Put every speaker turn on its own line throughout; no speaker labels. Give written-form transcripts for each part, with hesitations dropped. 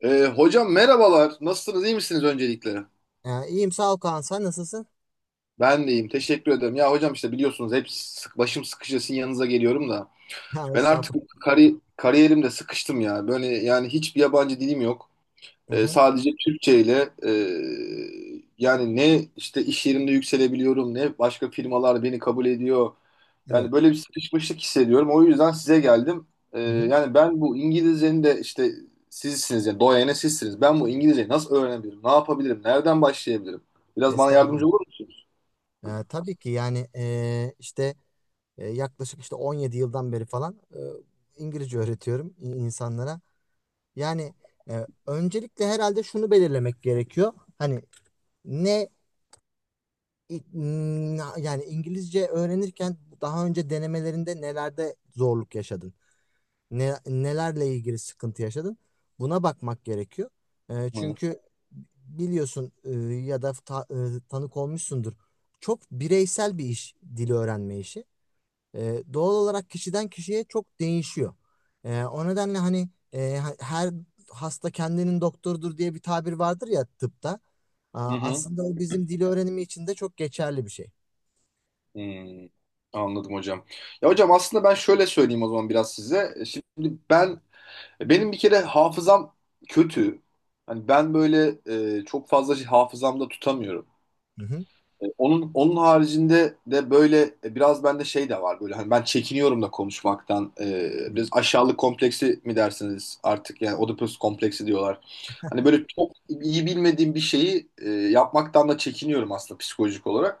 Hocam merhabalar. Nasılsınız? İyi misiniz öncelikle?
Ha, iyiyim sağ ol Kaan. Sen nasılsın?
Ben de iyiyim. Teşekkür ederim. Ya hocam işte biliyorsunuz hep başım sıkışıyor sizin yanınıza geliyorum da.
Ha,
Ben artık
estağfurullah.
kariyerimde sıkıştım ya. Böyle yani hiçbir yabancı dilim yok.
Hı
E,
hı.
sadece Türkçe ile yani ne işte iş yerimde yükselebiliyorum ne başka firmalar beni kabul ediyor.
Evet.
Yani böyle bir sıkışmışlık hissediyorum. O yüzden size geldim. E,
Hı hı.
yani ben bu İngilizcenin de işte sizsiniz yani doyene sizsiniz. Ben bu İngilizceyi nasıl öğrenebilirim? Ne yapabilirim? Nereden başlayabilirim? Biraz bana
Estağfurullah.
yardımcı olur musunuz?
Tabii ki yani işte yaklaşık işte 17 yıldan beri falan İngilizce öğretiyorum insanlara. Yani öncelikle herhalde şunu belirlemek gerekiyor. Hani ne yani İngilizce öğrenirken daha önce denemelerinde nelerde zorluk yaşadın? Ne, nelerle ilgili sıkıntı yaşadın? Buna bakmak gerekiyor.
Hı
Çünkü biliyorsun ya da tanık olmuşsundur. Çok bireysel bir iş, dili öğrenme işi. Doğal olarak kişiden kişiye çok değişiyor. O nedenle hani her hasta kendinin doktorudur diye bir tabir vardır ya tıpta.
hı. Hı.
Aslında o bizim dil öğrenimi için de çok geçerli bir şey.
Hmm. Anladım hocam. Ya hocam aslında ben şöyle söyleyeyim o zaman biraz size. Şimdi benim bir kere hafızam kötü. Hani ben böyle çok fazla şey hafızamda tutamıyorum.
Hı hı.
Onun haricinde de böyle biraz bende şey de var, böyle hani ben çekiniyorum da konuşmaktan. Biraz aşağılık kompleksi mi dersiniz artık, yani Oedipus kompleksi diyorlar. Hani böyle çok iyi bilmediğim bir şeyi yapmaktan da çekiniyorum aslında, psikolojik olarak.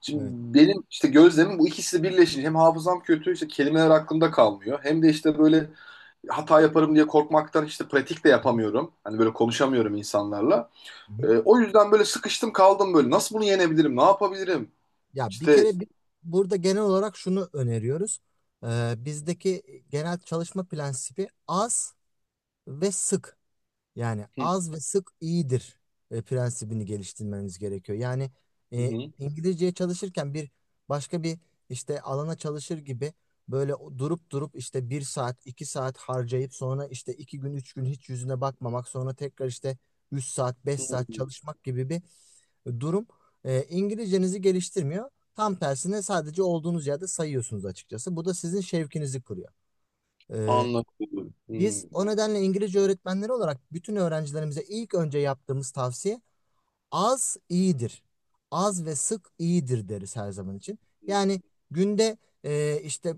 Şimdi
Evet.
benim işte gözlemim, bu ikisi birleşince hem hafızam kötü, işte kelimeler aklımda kalmıyor, hem de işte böyle hata yaparım diye korkmaktan işte pratik de yapamıyorum. Hani böyle konuşamıyorum insanlarla.
Hı
Ee,
hı.
o yüzden böyle sıkıştım kaldım böyle. Nasıl bunu yenebilirim? Ne yapabilirim?
Ya bir
İşte.
kere burada genel olarak şunu öneriyoruz. Bizdeki genel çalışma prensibi az ve sık. Yani
Hı
az ve sık iyidir prensibini geliştirmeniz gerekiyor. Yani e,
hı.
İngilizceye çalışırken bir başka bir işte alana çalışır gibi böyle durup durup işte bir saat iki saat harcayıp sonra işte iki gün üç gün hiç yüzüne bakmamak sonra tekrar işte üç saat beş
Hı.
saat çalışmak gibi bir durum İngilizcenizi geliştirmiyor. Tam tersine sadece olduğunuz yerde sayıyorsunuz açıkçası. Bu da sizin şevkinizi kırıyor. E,
Anladım. Hı.
Biz o nedenle İngilizce öğretmenleri olarak bütün öğrencilerimize ilk önce yaptığımız tavsiye az iyidir. Az ve sık iyidir deriz her zaman için. Yani günde işte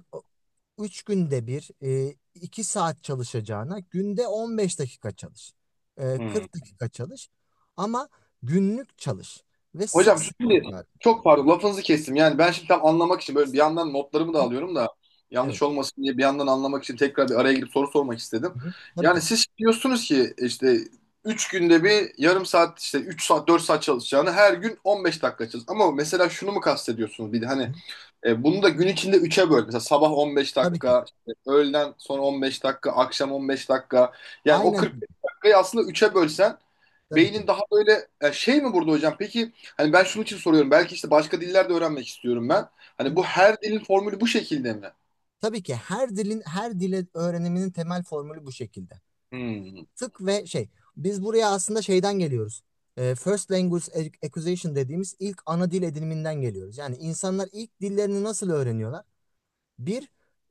3 günde bir 2 saat çalışacağına günde 15 dakika çalış.
Hı.
40 dakika çalış ama günlük çalış ve sık
Hocam
sık
şimdi,
tekrar.
çok pardon lafınızı kestim. Yani ben şimdi tam anlamak için böyle bir yandan notlarımı da alıyorum da,
Evet.
yanlış olmasın diye bir yandan anlamak için tekrar bir araya girip soru sormak istedim.
Hı hı. Tabii
Yani
ki.
siz diyorsunuz ki işte 3 günde bir yarım saat, işte 3 saat 4 saat çalışacağını her gün 15 dakika çalış. Ama mesela şunu mu kastediyorsunuz bir de,
Hı.
hani bunu da gün içinde üç'e böl. Mesela sabah 15
Tabii ki.
dakika, işte öğleden sonra 15 dakika, akşam 15 dakika. Yani o
Aynen öyle.
45 dakikayı aslında üç'e bölsen
Tabii ki.
beynin daha böyle şey mi burada hocam? Peki, hani ben şunun için soruyorum. Belki işte başka diller de öğrenmek istiyorum ben. Hani
Hı.
bu her dilin formülü bu şekilde mi?
Tabii ki her dile öğreniminin temel formülü bu şekilde.
Hmm.
Tık ve şey. Biz buraya aslında şeyden geliyoruz. First Language Acquisition dediğimiz ilk ana dil ediniminden geliyoruz. Yani insanlar ilk dillerini nasıl öğreniyorlar? Bir,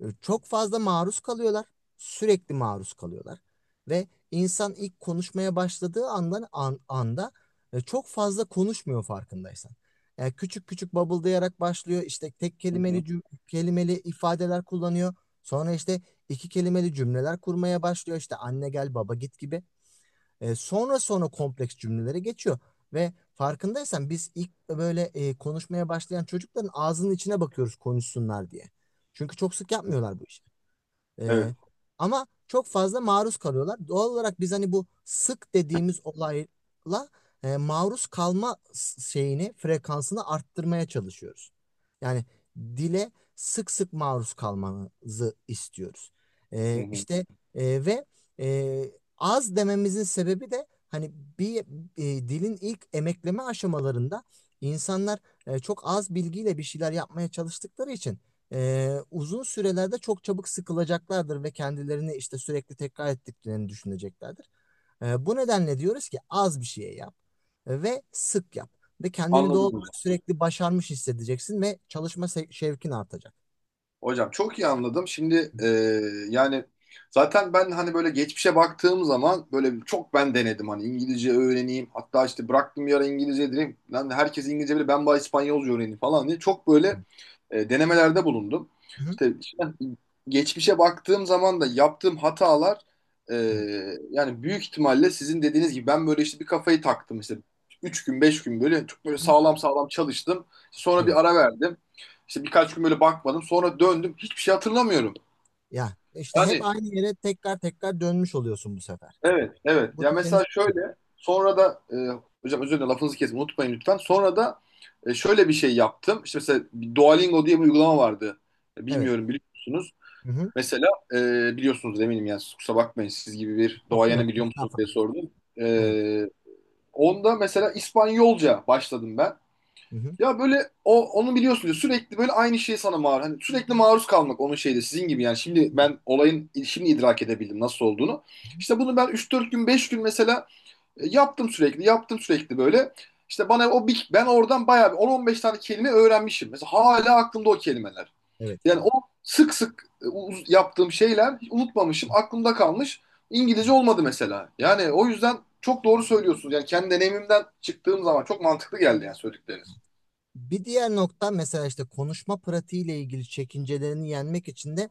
çok fazla maruz kalıyorlar. Sürekli maruz kalıyorlar. Ve insan ilk konuşmaya başladığı anda çok fazla konuşmuyor farkındaysan. Yani küçük küçük babıldayarak başlıyor. İşte tek
Hı
kelimeli
hı.
kelimeli ifadeler kullanıyor. Sonra işte iki kelimeli cümleler kurmaya başlıyor. İşte anne gel baba git gibi. Sonra sonra kompleks cümlelere geçiyor. Ve farkındaysan biz ilk böyle konuşmaya başlayan çocukların ağzının içine bakıyoruz konuşsunlar diye. Çünkü çok sık yapmıyorlar bu işi. Ee,
Evet.
Ama çok fazla maruz kalıyorlar. Doğal olarak biz hani bu sık dediğimiz olayla maruz kalma şeyini, frekansını arttırmaya çalışıyoruz. Yani dile sık sık maruz kalmanızı istiyoruz.
Hı hı.
İşte ve e, az dememizin sebebi de hani bir dilin ilk emekleme aşamalarında insanlar çok az bilgiyle bir şeyler yapmaya çalıştıkları için uzun sürelerde çok çabuk sıkılacaklardır ve kendilerini işte sürekli tekrar ettiklerini düşüneceklerdir. Bu nedenle diyoruz ki az bir şeye yap ve sık yap ve kendini doğal
Anladım
olarak sürekli başarmış hissedeceksin ve çalışma şevkin artacak.
hocam, çok iyi anladım. Şimdi yani zaten ben hani böyle geçmişe baktığım zaman böyle çok ben denedim hani İngilizce öğreneyim. Hatta işte bıraktım bir ara İngilizce, dedim lan herkes İngilizce bilir ben bari İspanyolca öğreneyim falan diye. Çok böyle denemelerde bulundum.
Hı hı.
İşte geçmişe baktığım zaman da yaptığım hatalar, e,
Evet.
yani büyük ihtimalle sizin dediğiniz gibi, ben böyle işte bir kafayı taktım, işte 3 gün 5 gün böyle çok böyle
Hı.
sağlam sağlam çalıştım. Sonra
Evet.
bir ara verdim. İşte birkaç gün böyle bakmadım. Sonra döndüm. Hiçbir şey hatırlamıyorum.
Ya işte hep
Yani
aynı yere tekrar tekrar dönmüş oluyorsun bu sefer.
evet, evet.
Bu
Ya
da seni
mesela
sıkıyor.
şöyle, sonra da hocam özür dilerim lafınızı kesin unutmayın lütfen. Sonra da şöyle bir şey yaptım. İşte mesela bir Duolingo diye bir uygulama vardı.
Evet.
Bilmiyorum, biliyor musunuz?
Hı hı.
Mesela e, biliyorsunuz eminim, yani siz kusura bakmayın, siz gibi bir doğayana
Yok
biliyor musunuz diye
estağfurullah.
sordum.
Evet.
E, onda mesela İspanyolca başladım ben.
Hı hı.
Ya böyle o onu biliyorsunuz, sürekli böyle aynı şey sana maruz. Hani sürekli maruz kalmak onun şeyde sizin gibi, yani şimdi
Evet.
ben olayın şimdi idrak edebildim nasıl olduğunu.
Hı hı.
İşte bunu ben üç dört gün 5 gün mesela yaptım, sürekli yaptım sürekli böyle. İşte bana o bir, ben oradan bayağı bir 10-15 tane kelime öğrenmişim. Mesela hala aklımda o kelimeler.
Evet.
Yani o sık sık yaptığım şeyler hiç unutmamışım, aklımda kalmış. İngilizce olmadı mesela. Yani o yüzden çok doğru söylüyorsunuz. Yani kendi deneyimimden çıktığım zaman çok mantıklı geldi yani söyledikleriniz.
Bir diğer nokta mesela işte konuşma pratiğiyle ilgili çekincelerini yenmek için de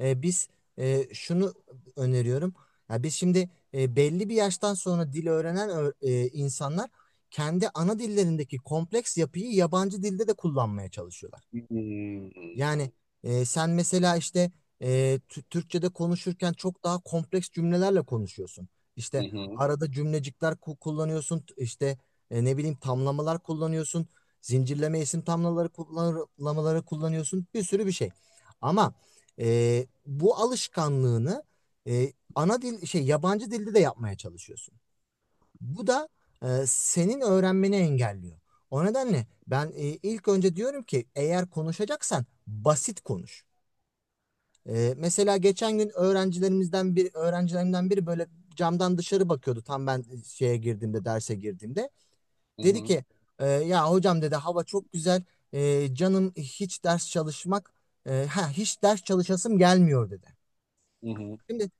biz şunu öneriyorum. Ya biz şimdi belli bir yaştan sonra dil öğrenen insanlar kendi ana dillerindeki kompleks yapıyı yabancı dilde de kullanmaya çalışıyorlar.
Hmm.
Yani sen mesela işte e, Türkçe'de konuşurken çok daha kompleks cümlelerle konuşuyorsun.
Hı
İşte
hı.
arada cümlecikler kullanıyorsun, işte ne bileyim tamlamalar kullanıyorsun, zincirleme isim tamlamaları kullanıyorsun, bir sürü bir şey. Ama bu alışkanlığını e, ana dil şey yabancı dilde de yapmaya çalışıyorsun. Bu da senin öğrenmeni engelliyor. O nedenle ben ilk önce diyorum ki eğer konuşacaksan basit konuş. Mesela geçen gün öğrencilerimizden bir öğrencilerimden biri böyle camdan dışarı bakıyordu tam ben e, şeye girdiğimde derse girdiğimde.
Hı
Dedi
hı.
ki ya hocam dedi hava çok güzel. Canım hiç ders çalışmak e, ha hiç ders çalışasım gelmiyor dedi.
Hı hı.
Şimdi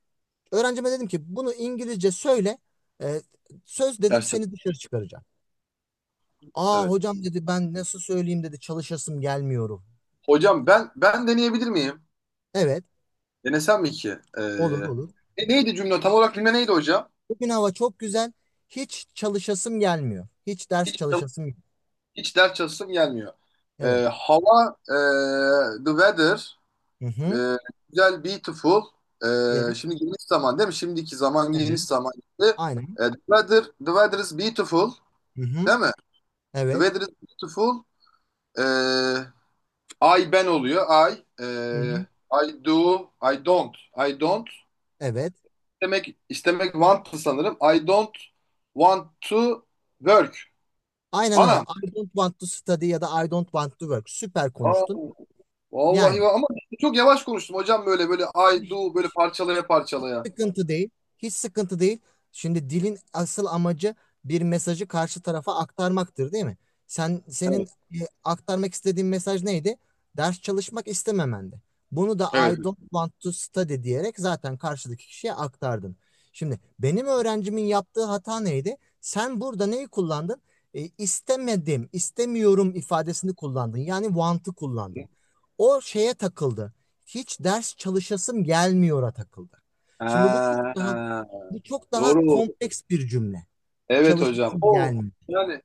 öğrencime dedim ki bunu İngilizce söyle e, söz dedim
Gerçekten
seni dışarı çıkaracağım. Aa
evet.
hocam dedi ben nasıl söyleyeyim dedi çalışasım gelmiyorum.
Hocam ben deneyebilir miyim?
Evet,
Denesem mi ki? Ee,
olur olur.
neydi cümle? Tam olarak cümle neydi hocam?
Bugün hava çok güzel. Hiç çalışasım gelmiyor. Hiç ders
Hiç
çalışasım yok.
hiç ders çalışasım gelmiyor. Ee,
Evet.
hava, the weather.
Hı hı.
Ee, güzel, beautiful. Ee,
Yes.
şimdi geniş zaman değil mi? Şimdiki zaman,
Evet.
geniş zaman. Ee,
Aynen.
the weather, the weather, is beautiful.
Hı hı.
Değil mi? The
Evet.
weather is beautiful. Ee, I, ben oluyor. I.
Hı hı.
I do. I don't. I don't.
Evet.
İstemek, want to, sanırım. I don't want to work.
Aynen öyle.
Anam.
I don't want to study ya da I don't want to work. Süper
Aa,
konuştun. Yani
vallahi ama çok yavaş konuştum hocam, böyle böyle I do, böyle parçalaya
hiç
parçalaya.
sıkıntı değil. Hiç sıkıntı değil. Şimdi dilin asıl amacı bir mesajı karşı tarafa aktarmaktır, değil mi? Senin
Evet.
e, aktarmak istediğin mesaj neydi? Ders çalışmak istememendi. Bunu da
Evet.
I don't want to study diyerek zaten karşıdaki kişiye aktardın. Şimdi benim öğrencimin yaptığı hata neydi? Sen burada neyi kullandın? İstemedim, istemiyorum ifadesini kullandın. Yani want'ı kullandın. O şeye takıldı. Hiç ders çalışasım gelmiyor'a takıldı. Şimdi
Ha.
bu çok daha
Doğru.
kompleks bir cümle.
Evet
Çalışması
hocam. O
gelmiyor.
yani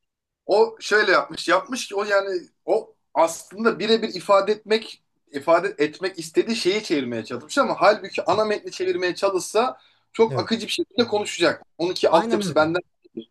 o şöyle yapmış. Yapmış ki o, yani o aslında birebir ifade etmek, istediği şeyi çevirmeye çalışmış, ama halbuki ana metni çevirmeye çalışsa çok
Evet.
akıcı bir şekilde konuşacak. Onunki
Aynen
altyapısı
öyle.
benden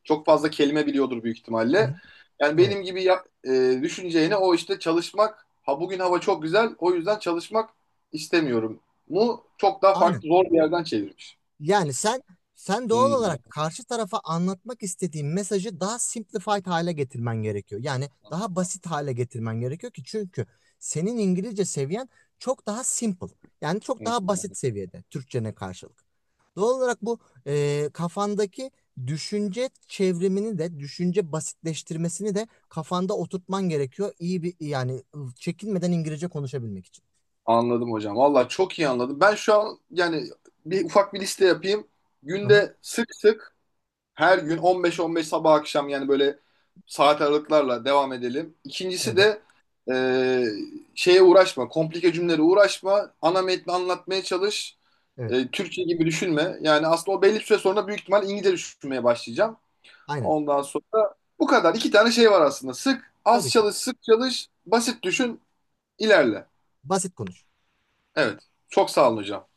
çok fazla kelime biliyordur büyük
Hı
ihtimalle.
hı.
Yani
Evet.
benim gibi düşüneceğine, o işte çalışmak, ha bugün hava çok güzel o yüzden çalışmak istemiyorum. Mu çok daha
Aynen.
farklı, zor bir yerden çevirmiş.
Yani sen doğal
Hmm.
olarak karşı tarafa anlatmak istediğin mesajı daha simplified hale getirmen gerekiyor. Yani daha basit hale getirmen gerekiyor ki çünkü senin İngilizce seviyen çok daha simple. Yani çok daha basit seviyede Türkçene karşılık. Doğal olarak bu kafandaki düşünce çevrimini de düşünce basitleştirmesini de kafanda oturtman gerekiyor. İyi bir yani çekinmeden İngilizce konuşabilmek için.
Anladım hocam. Valla çok iyi anladım. Ben şu an, yani bir ufak bir liste yapayım.
Hı hı,
Günde sık sık, her gün 15-15, sabah akşam, yani böyle saat aralıklarla devam edelim. İkincisi
evet,
de e, şeye uğraşma, komplike cümlelere uğraşma. Ana metni anlatmaya çalış.
evet.
Türkçe gibi düşünme. Yani aslında o, belli bir süre sonra büyük ihtimal İngilizce düşünmeye başlayacağım.
Aynen.
Ondan sonra bu kadar. İki tane şey var aslında. Sık, az
Tabii ki.
çalış, sık çalış, basit düşün, ilerle.
Basit konuş.
Evet. Çok sağ olun hocam.